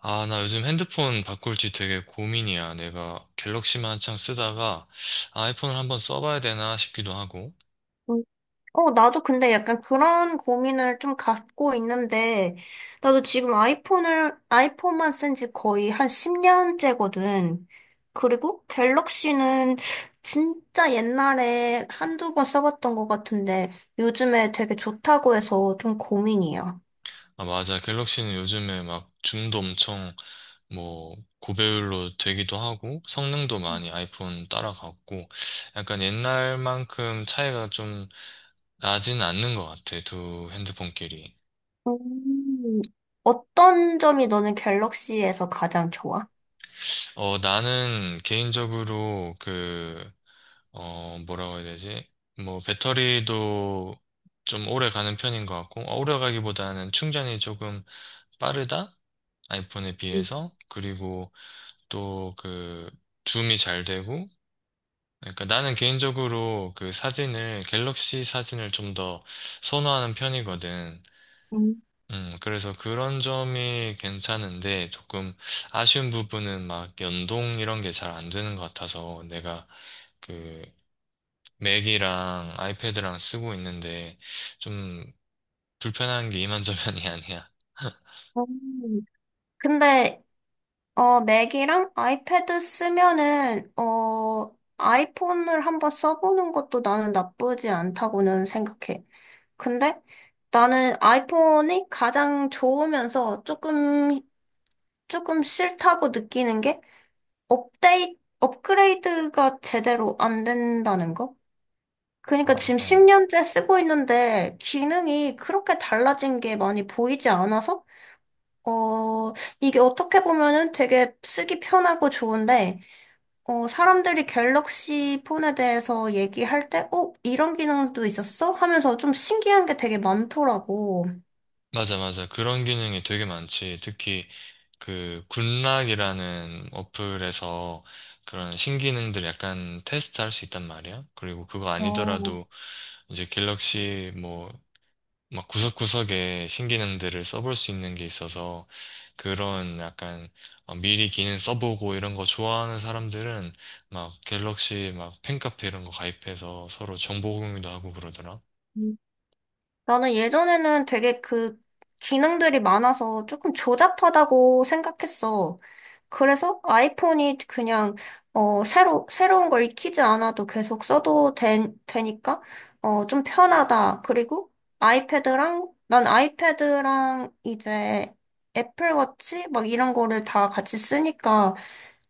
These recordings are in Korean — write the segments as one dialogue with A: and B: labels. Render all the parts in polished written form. A: 아, 나 요즘 핸드폰 바꿀지 되게 고민이야. 내가 갤럭시만 한창 쓰다가 아이폰을 한번 써봐야 되나 싶기도 하고.
B: 음. 나도 근데 약간 그런 고민을 좀 갖고 있는데, 나도 지금 아이폰만 쓴 지 거의 한 10년째거든. 그리고 갤럭시는 진짜 옛날에 한두 번 써봤던 것 같은데, 요즘에 되게 좋다고 해서 좀 고민이야.
A: 아, 맞아. 갤럭시는 요즘에 막 줌도 엄청 뭐 고배율로 되기도 하고 성능도 많이 아이폰 따라갔고 약간 옛날만큼 차이가 좀 나진 않는 것 같아. 두 핸드폰끼리.
B: 음. 어떤 점이 너는 갤럭시에서 가장 좋아?
A: 어, 나는 개인적으로 그 어, 뭐라고 해야 되지? 뭐, 배터리도 좀 오래 가는 편인 것 같고, 어, 오래 가기보다는 충전이 조금 빠르다? 아이폰에
B: 음.
A: 비해서. 그리고 또 그, 줌이 잘 되고, 그러니까 나는 개인적으로 그 사진을, 갤럭시 사진을 좀 더 선호하는 편이거든.
B: 음.
A: 그래서 그런 점이 괜찮은데, 조금 아쉬운 부분은 막 연동 이런 게 잘 안 되는 것 같아서, 내가 그, 맥이랑 아이패드랑 쓰고 있는데 좀 불편한 게 이만저만이 아니야.
B: 근데 맥이랑 아이패드 쓰면은, 아이폰을 한번 써보는 것도 나는 나쁘지 않다고는 생각해. 근데 나는 아이폰이 가장 좋으면서 조금 싫다고 느끼는 게 업그레이드가 제대로 안 된다는 거?
A: 아,
B: 그러니까 지금
A: 어.
B: 10년째 쓰고 있는데 기능이 그렇게 달라진 게 많이 보이지 않아서, 어, 이게 어떻게 보면은 되게 쓰기 편하고 좋은데, 사람들이 갤럭시 폰에 대해서 얘기할 때, 이런 기능도 있었어? 하면서 좀 신기한 게 되게 많더라고.
A: 맞아, 맞아. 그런 기능이 되게 많지. 특히 그 굿락이라는 어플에서 그런 신기능들 약간 테스트할 수 있단 말이야. 그리고 그거
B: 어.
A: 아니더라도 이제 갤럭시 뭐 막 구석구석에 신기능들을 써볼 수 있는 게 있어서 그런 약간 어, 미리 기능 써보고 이런 거 좋아하는 사람들은 막 갤럭시 막 팬카페 이런 거 가입해서 서로 정보 공유도 하고 그러더라.
B: 나는 예전에는 되게 그 기능들이 많아서 조금 조잡하다고 생각했어. 그래서 아이폰이 그냥 새로운 걸 익히지 않아도 계속 써도 되니까 어 좀 편하다. 그리고 아이패드랑 이제 애플워치 막 이런 거를 다 같이 쓰니까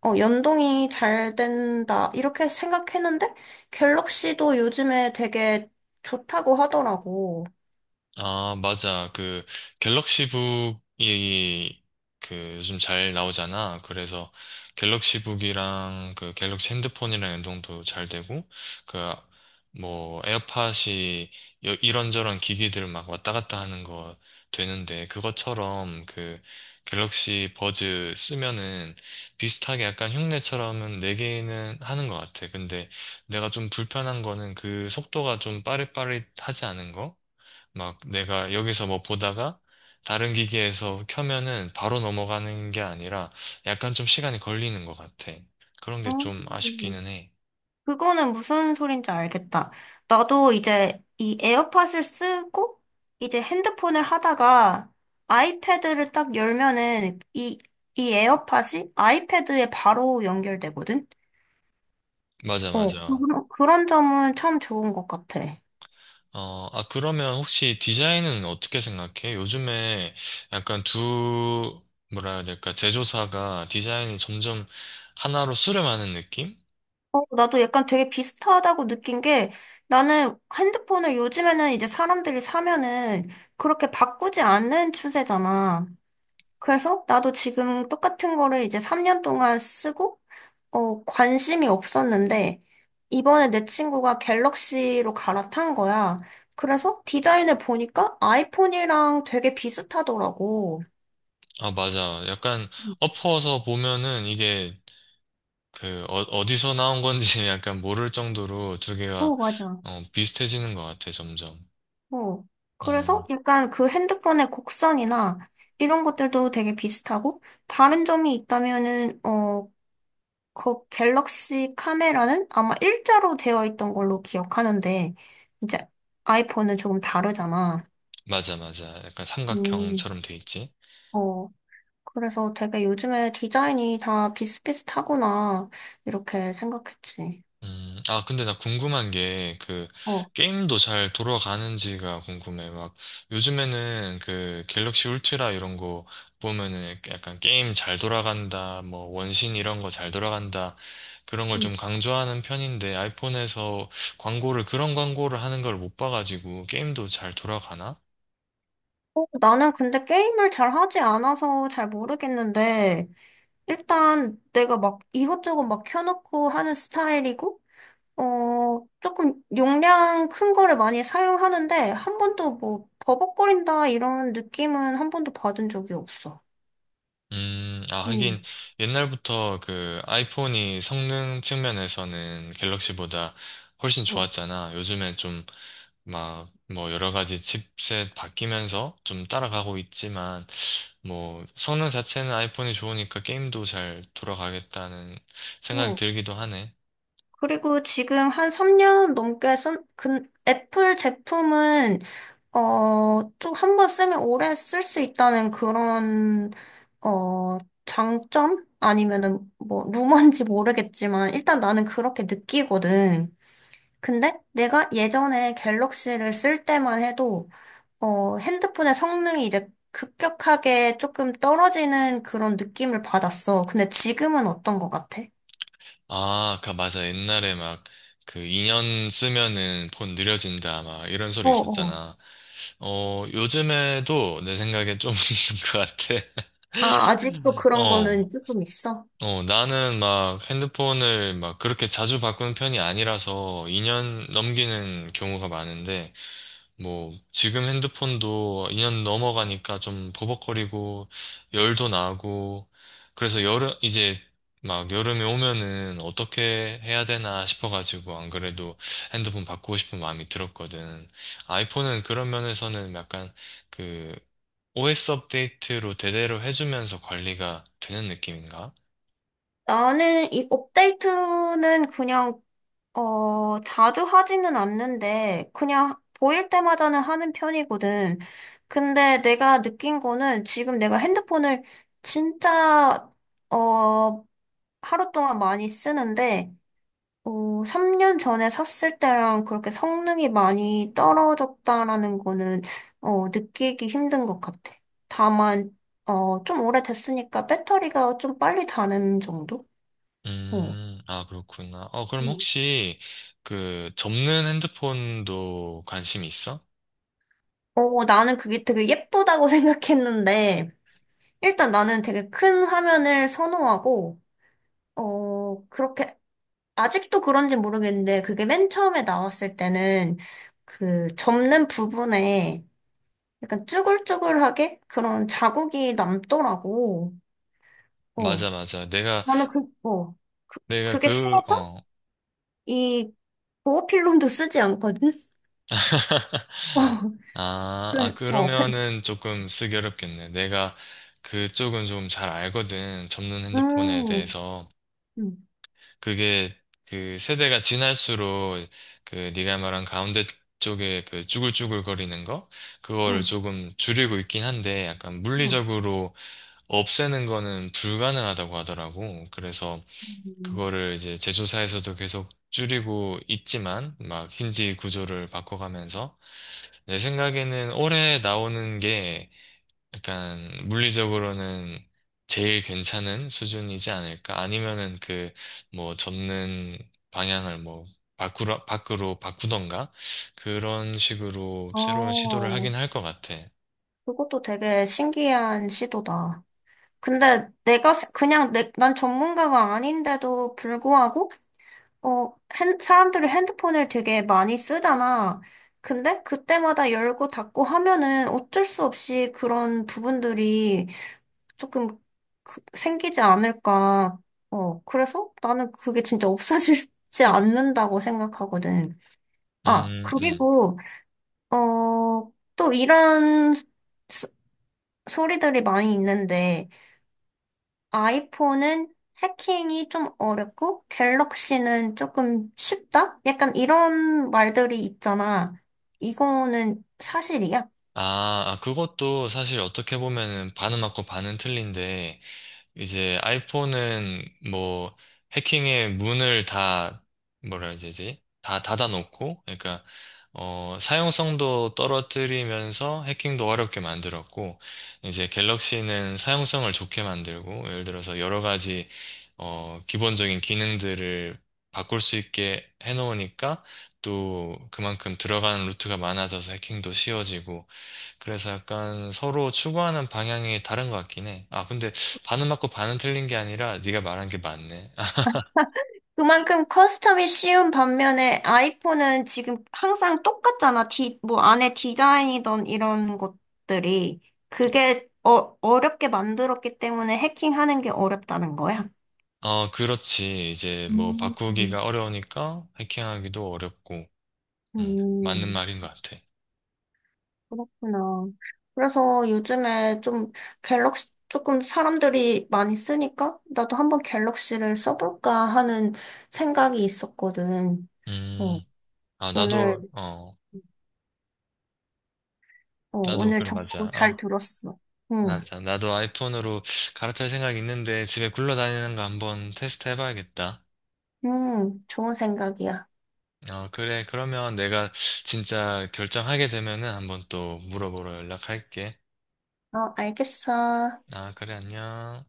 B: 어 연동이 잘 된다. 이렇게 생각했는데 갤럭시도 요즘에 되게 좋다고 하더라고.
A: 아, 맞아. 그 갤럭시북이 그 요즘 잘 나오잖아. 그래서 갤럭시북이랑 그 갤럭시 핸드폰이랑 연동도 잘 되고 그 뭐 에어팟이 이런저런 기기들 막 왔다 갔다 하는 거 되는데 그것처럼 그 갤럭시 버즈 쓰면은 비슷하게 약간 흉내처럼은 네 개는 하는 것 같아. 근데 내가 좀 불편한 거는 그 속도가 좀 빠릿빠릿하지 않은 거? 막 내가 여기서 뭐 보다가 다른 기기에서 켜면은 바로 넘어가는 게 아니라 약간 좀 시간이 걸리는 것 같아. 그런 게 좀
B: 음,
A: 아쉽기는 해.
B: 그거는 무슨 소린지 알겠다. 나도 이제 이 에어팟을 쓰고 이제 핸드폰을 하다가 아이패드를 딱 열면은 이 에어팟이 아이패드에 바로 연결되거든?
A: 맞아, 맞아.
B: 그런 점은 참 좋은 것 같아.
A: 어, 아, 그러면 혹시 디자인은 어떻게 생각해? 요즘에 약간 두, 뭐라 해야 될까, 제조사가 디자인이 점점 하나로 수렴하는 느낌?
B: 나도 약간 되게 비슷하다고 느낀 게 나는 핸드폰을 요즘에는 이제 사람들이 사면은 그렇게 바꾸지 않는 추세잖아. 그래서 나도 지금 똑같은 거를 이제 3년 동안 쓰고, 관심이 없었는데, 이번에 내 친구가 갤럭시로 갈아탄 거야. 그래서 디자인을 보니까 아이폰이랑 되게 비슷하더라고.
A: 아, 맞아. 약간 엎어서 보면은 이게 그, 어, 어디서 나온 건지 약간 모를 정도로 두 개가,
B: 어, 맞아.
A: 어, 비슷해지는 것 같아, 점점.
B: 어. 그래서
A: 어,
B: 약간 그 핸드폰의 곡선이나 이런 것들도 되게 비슷하고, 다른 점이 있다면은, 그 갤럭시 카메라는 아마 일자로 되어 있던 걸로 기억하는데, 이제 아이폰은 조금 다르잖아.
A: 맞아, 맞아. 약간
B: 음.
A: 삼각형처럼 돼 있지?
B: 어, 그래서 되게 요즘에 디자인이 다 비슷비슷하구나, 이렇게 생각했지.
A: 아, 근데 나 궁금한 게, 그,
B: 어.
A: 게임도 잘 돌아가는지가 궁금해. 막, 요즘에는 그, 갤럭시 울트라 이런 거 보면은 약간 게임 잘 돌아간다, 뭐, 원신 이런 거 잘 돌아간다, 그런 걸
B: 음.
A: 좀 강조하는 편인데, 아이폰에서 광고를, 그런 광고를 하는 걸 못 봐가지고, 게임도 잘 돌아가나?
B: 나는 근데 게임을 잘 하지 않아서 잘 모르겠는데, 일단 내가 막 이것저것 막 켜놓고 하는 스타일이고, 조금 용량 큰 거를 많이 사용하는데 한 번도 뭐 버벅거린다 이런 느낌은 한 번도 받은 적이 없어.
A: 아, 하긴,
B: 음,
A: 옛날부터 그 아이폰이 성능 측면에서는 갤럭시보다 훨씬
B: 어,
A: 좋았잖아. 요즘에 좀 막, 뭐, 여러 가지 칩셋 바뀌면서 좀 따라가고 있지만, 뭐, 성능 자체는 아이폰이 좋으니까 게임도 잘 돌아가겠다는 생각이
B: 어,
A: 들기도 하네.
B: 그리고 지금 한 3년 넘게 애플 제품은, 좀 한번 쓰면 오래 쓸 수 있다는 그런, 어, 장점? 아니면은, 뭐, 루머인지 모르겠지만, 일단 나는 그렇게 느끼거든. 근데 내가 예전에 갤럭시를 쓸 때만 해도 핸드폰의 성능이 이제 급격하게 조금 떨어지는 그런 느낌을 받았어. 근데 지금은 어떤 것 같아?
A: 아, 그, 맞아. 옛날에 막, 그, 2년 쓰면은 폰 느려진다, 막, 이런 소리
B: 어, 어.
A: 있었잖아. 어, 요즘에도 내 생각에 좀 있는 것 같아.
B: 아, 아직도 그런
A: 어,
B: 거는 조금 있어?
A: 어, 나는 막 핸드폰을 막 그렇게 자주 바꾸는 편이 아니라서 2년 넘기는 경우가 많은데, 뭐, 지금 핸드폰도 2년 넘어가니까 좀 버벅거리고, 열도 나고, 그래서 여름, 이제 막 여름에 오면은 어떻게 해야 되나 싶어가지고, 안 그래도 핸드폰 바꾸고 싶은 마음이 들었거든. 아이폰은 그런 면에서는 약간 그 OS 업데이트로 대대로 해주면서 관리가 되는 느낌인가?
B: 나는 이 업데이트는 그냥, 자주 하지는 않는데, 그냥 보일 때마다는 하는 편이거든. 근데 내가 느낀 거는 지금 내가 핸드폰을 진짜, 어, 하루 동안 많이 쓰는데, 어, 3년 전에 샀을 때랑 그렇게 성능이 많이 떨어졌다라는 거는, 느끼기 힘든 것 같아. 다만, 좀 오래됐으니까 배터리가 좀 빨리 다는 정도? 어.
A: 아, 그렇구나. 어, 그럼
B: 음.
A: 혹시 그 접는 핸드폰도 관심이 있어?
B: 나는 그게 되게 예쁘다고 생각했는데, 일단 나는 되게 큰 화면을 선호하고, 어, 그렇게, 아직도 그런지 모르겠는데, 그게 맨 처음에 나왔을 때는, 그, 접는 부분에, 약간 쭈글쭈글하게 그런 자국이 남더라고. 어.
A: 맞아, 맞아. 내가,
B: 나는 그, 어.
A: 내가
B: 그게
A: 그,
B: 싫어서
A: 어,
B: 이 보호필름도 쓰지 않거든? 어,
A: 아,
B: 그래,
A: 아, 그러면은 조금 쓰기 어렵겠네. 내가 그쪽은 좀 잘 알거든. 접는 핸드폰에
B: 음,
A: 대해서.
B: 음,
A: 그게 그 세대가 지날수록 그 네가 말한 가운데 쪽에 그 쭈글쭈글 거리는 거 그거를
B: 음,
A: 조금 줄이고 있긴 한데 약간
B: 음.
A: 물리적으로 없애는 거는 불가능하다고 하더라고. 그래서
B: 음.
A: 그거를 이제 제조사에서도 계속 줄이고 있지만 막 힌지 구조를 바꿔가면서 내 생각에는 올해 나오는 게 약간 물리적으로는 제일 괜찮은 수준이지 않을까? 아니면은 그 뭐 접는 방향을 뭐 밖으로 밖으로 바꾸던가 그런 식으로 새로운 시도를
B: 어,
A: 하긴 할 것 같아.
B: 그것도 되게 신기한 시도다. 근데 내가 난 전문가가 아닌데도 불구하고 어, 사람들이 핸드폰을 되게 많이 쓰잖아. 근데 그때마다 열고 닫고 하면은 어쩔 수 없이 그런 부분들이 조금 그- 생기지 않을까. 그래서 나는 그게 진짜 없어지지 않는다고 생각하거든. 아,
A: 음, 음.
B: 그리고, 또 이런 소, 소리들이 많이 있는데, 아이폰은 해킹이 좀 어렵고 갤럭시는 조금 쉽다? 약간 이런 말들이 있잖아. 이거는 사실이야?
A: 아, 아, 그것도 사실 어떻게 보면은 반은 맞고 반은 틀린데 이제 아이폰은 뭐 해킹의 문을 다 뭐라 해야 되지? 다 닫아놓고 그러니까 어 사용성도 떨어뜨리면서 해킹도 어렵게 만들었고 이제 갤럭시는 사용성을 좋게 만들고 예를 들어서 여러 가지 어 기본적인 기능들을 바꿀 수 있게 해놓으니까 또 그만큼 들어가는 루트가 많아져서 해킹도 쉬워지고 그래서 약간 서로 추구하는 방향이 다른 것 같긴 해. 아, 근데 반은 맞고 반은 틀린 게 아니라 네가 말한 게 맞네.
B: 그만큼 커스텀이 쉬운 반면에 아이폰은 지금 항상 똑같잖아. 뭐 안에 디자인이던 이런 것들이. 그게 어렵게 만들었기 때문에 해킹하는 게 어렵다는 거야.
A: 어, 그렇지. 이제 뭐
B: 음.
A: 바꾸기가 어려우니까 해킹하기도 어렵고. 맞는
B: 음.
A: 말인 것 같아.
B: 그렇구나. 그래서 요즘에 좀 갤럭시, 조금 사람들이 많이 쓰니까 나도 한번 갤럭시를 써볼까 하는 생각이 있었거든. 어,
A: 음, 아,
B: 오늘,
A: 나도, 어, 나도
B: 오늘
A: 그래,
B: 정보
A: 맞아.
B: 잘
A: 아,
B: 들었어. 응,
A: 맞아. 나도 아이폰으로 갈아탈 생각 있는데 집에 굴러다니는 거 한번 테스트 해봐야겠다.
B: 응, 좋은 생각이야.
A: 어, 그래. 그러면 내가 진짜 결정하게 되면은 한번 또 물어보러 연락할게.
B: 어, 알겠어.
A: 아, 그래, 안녕.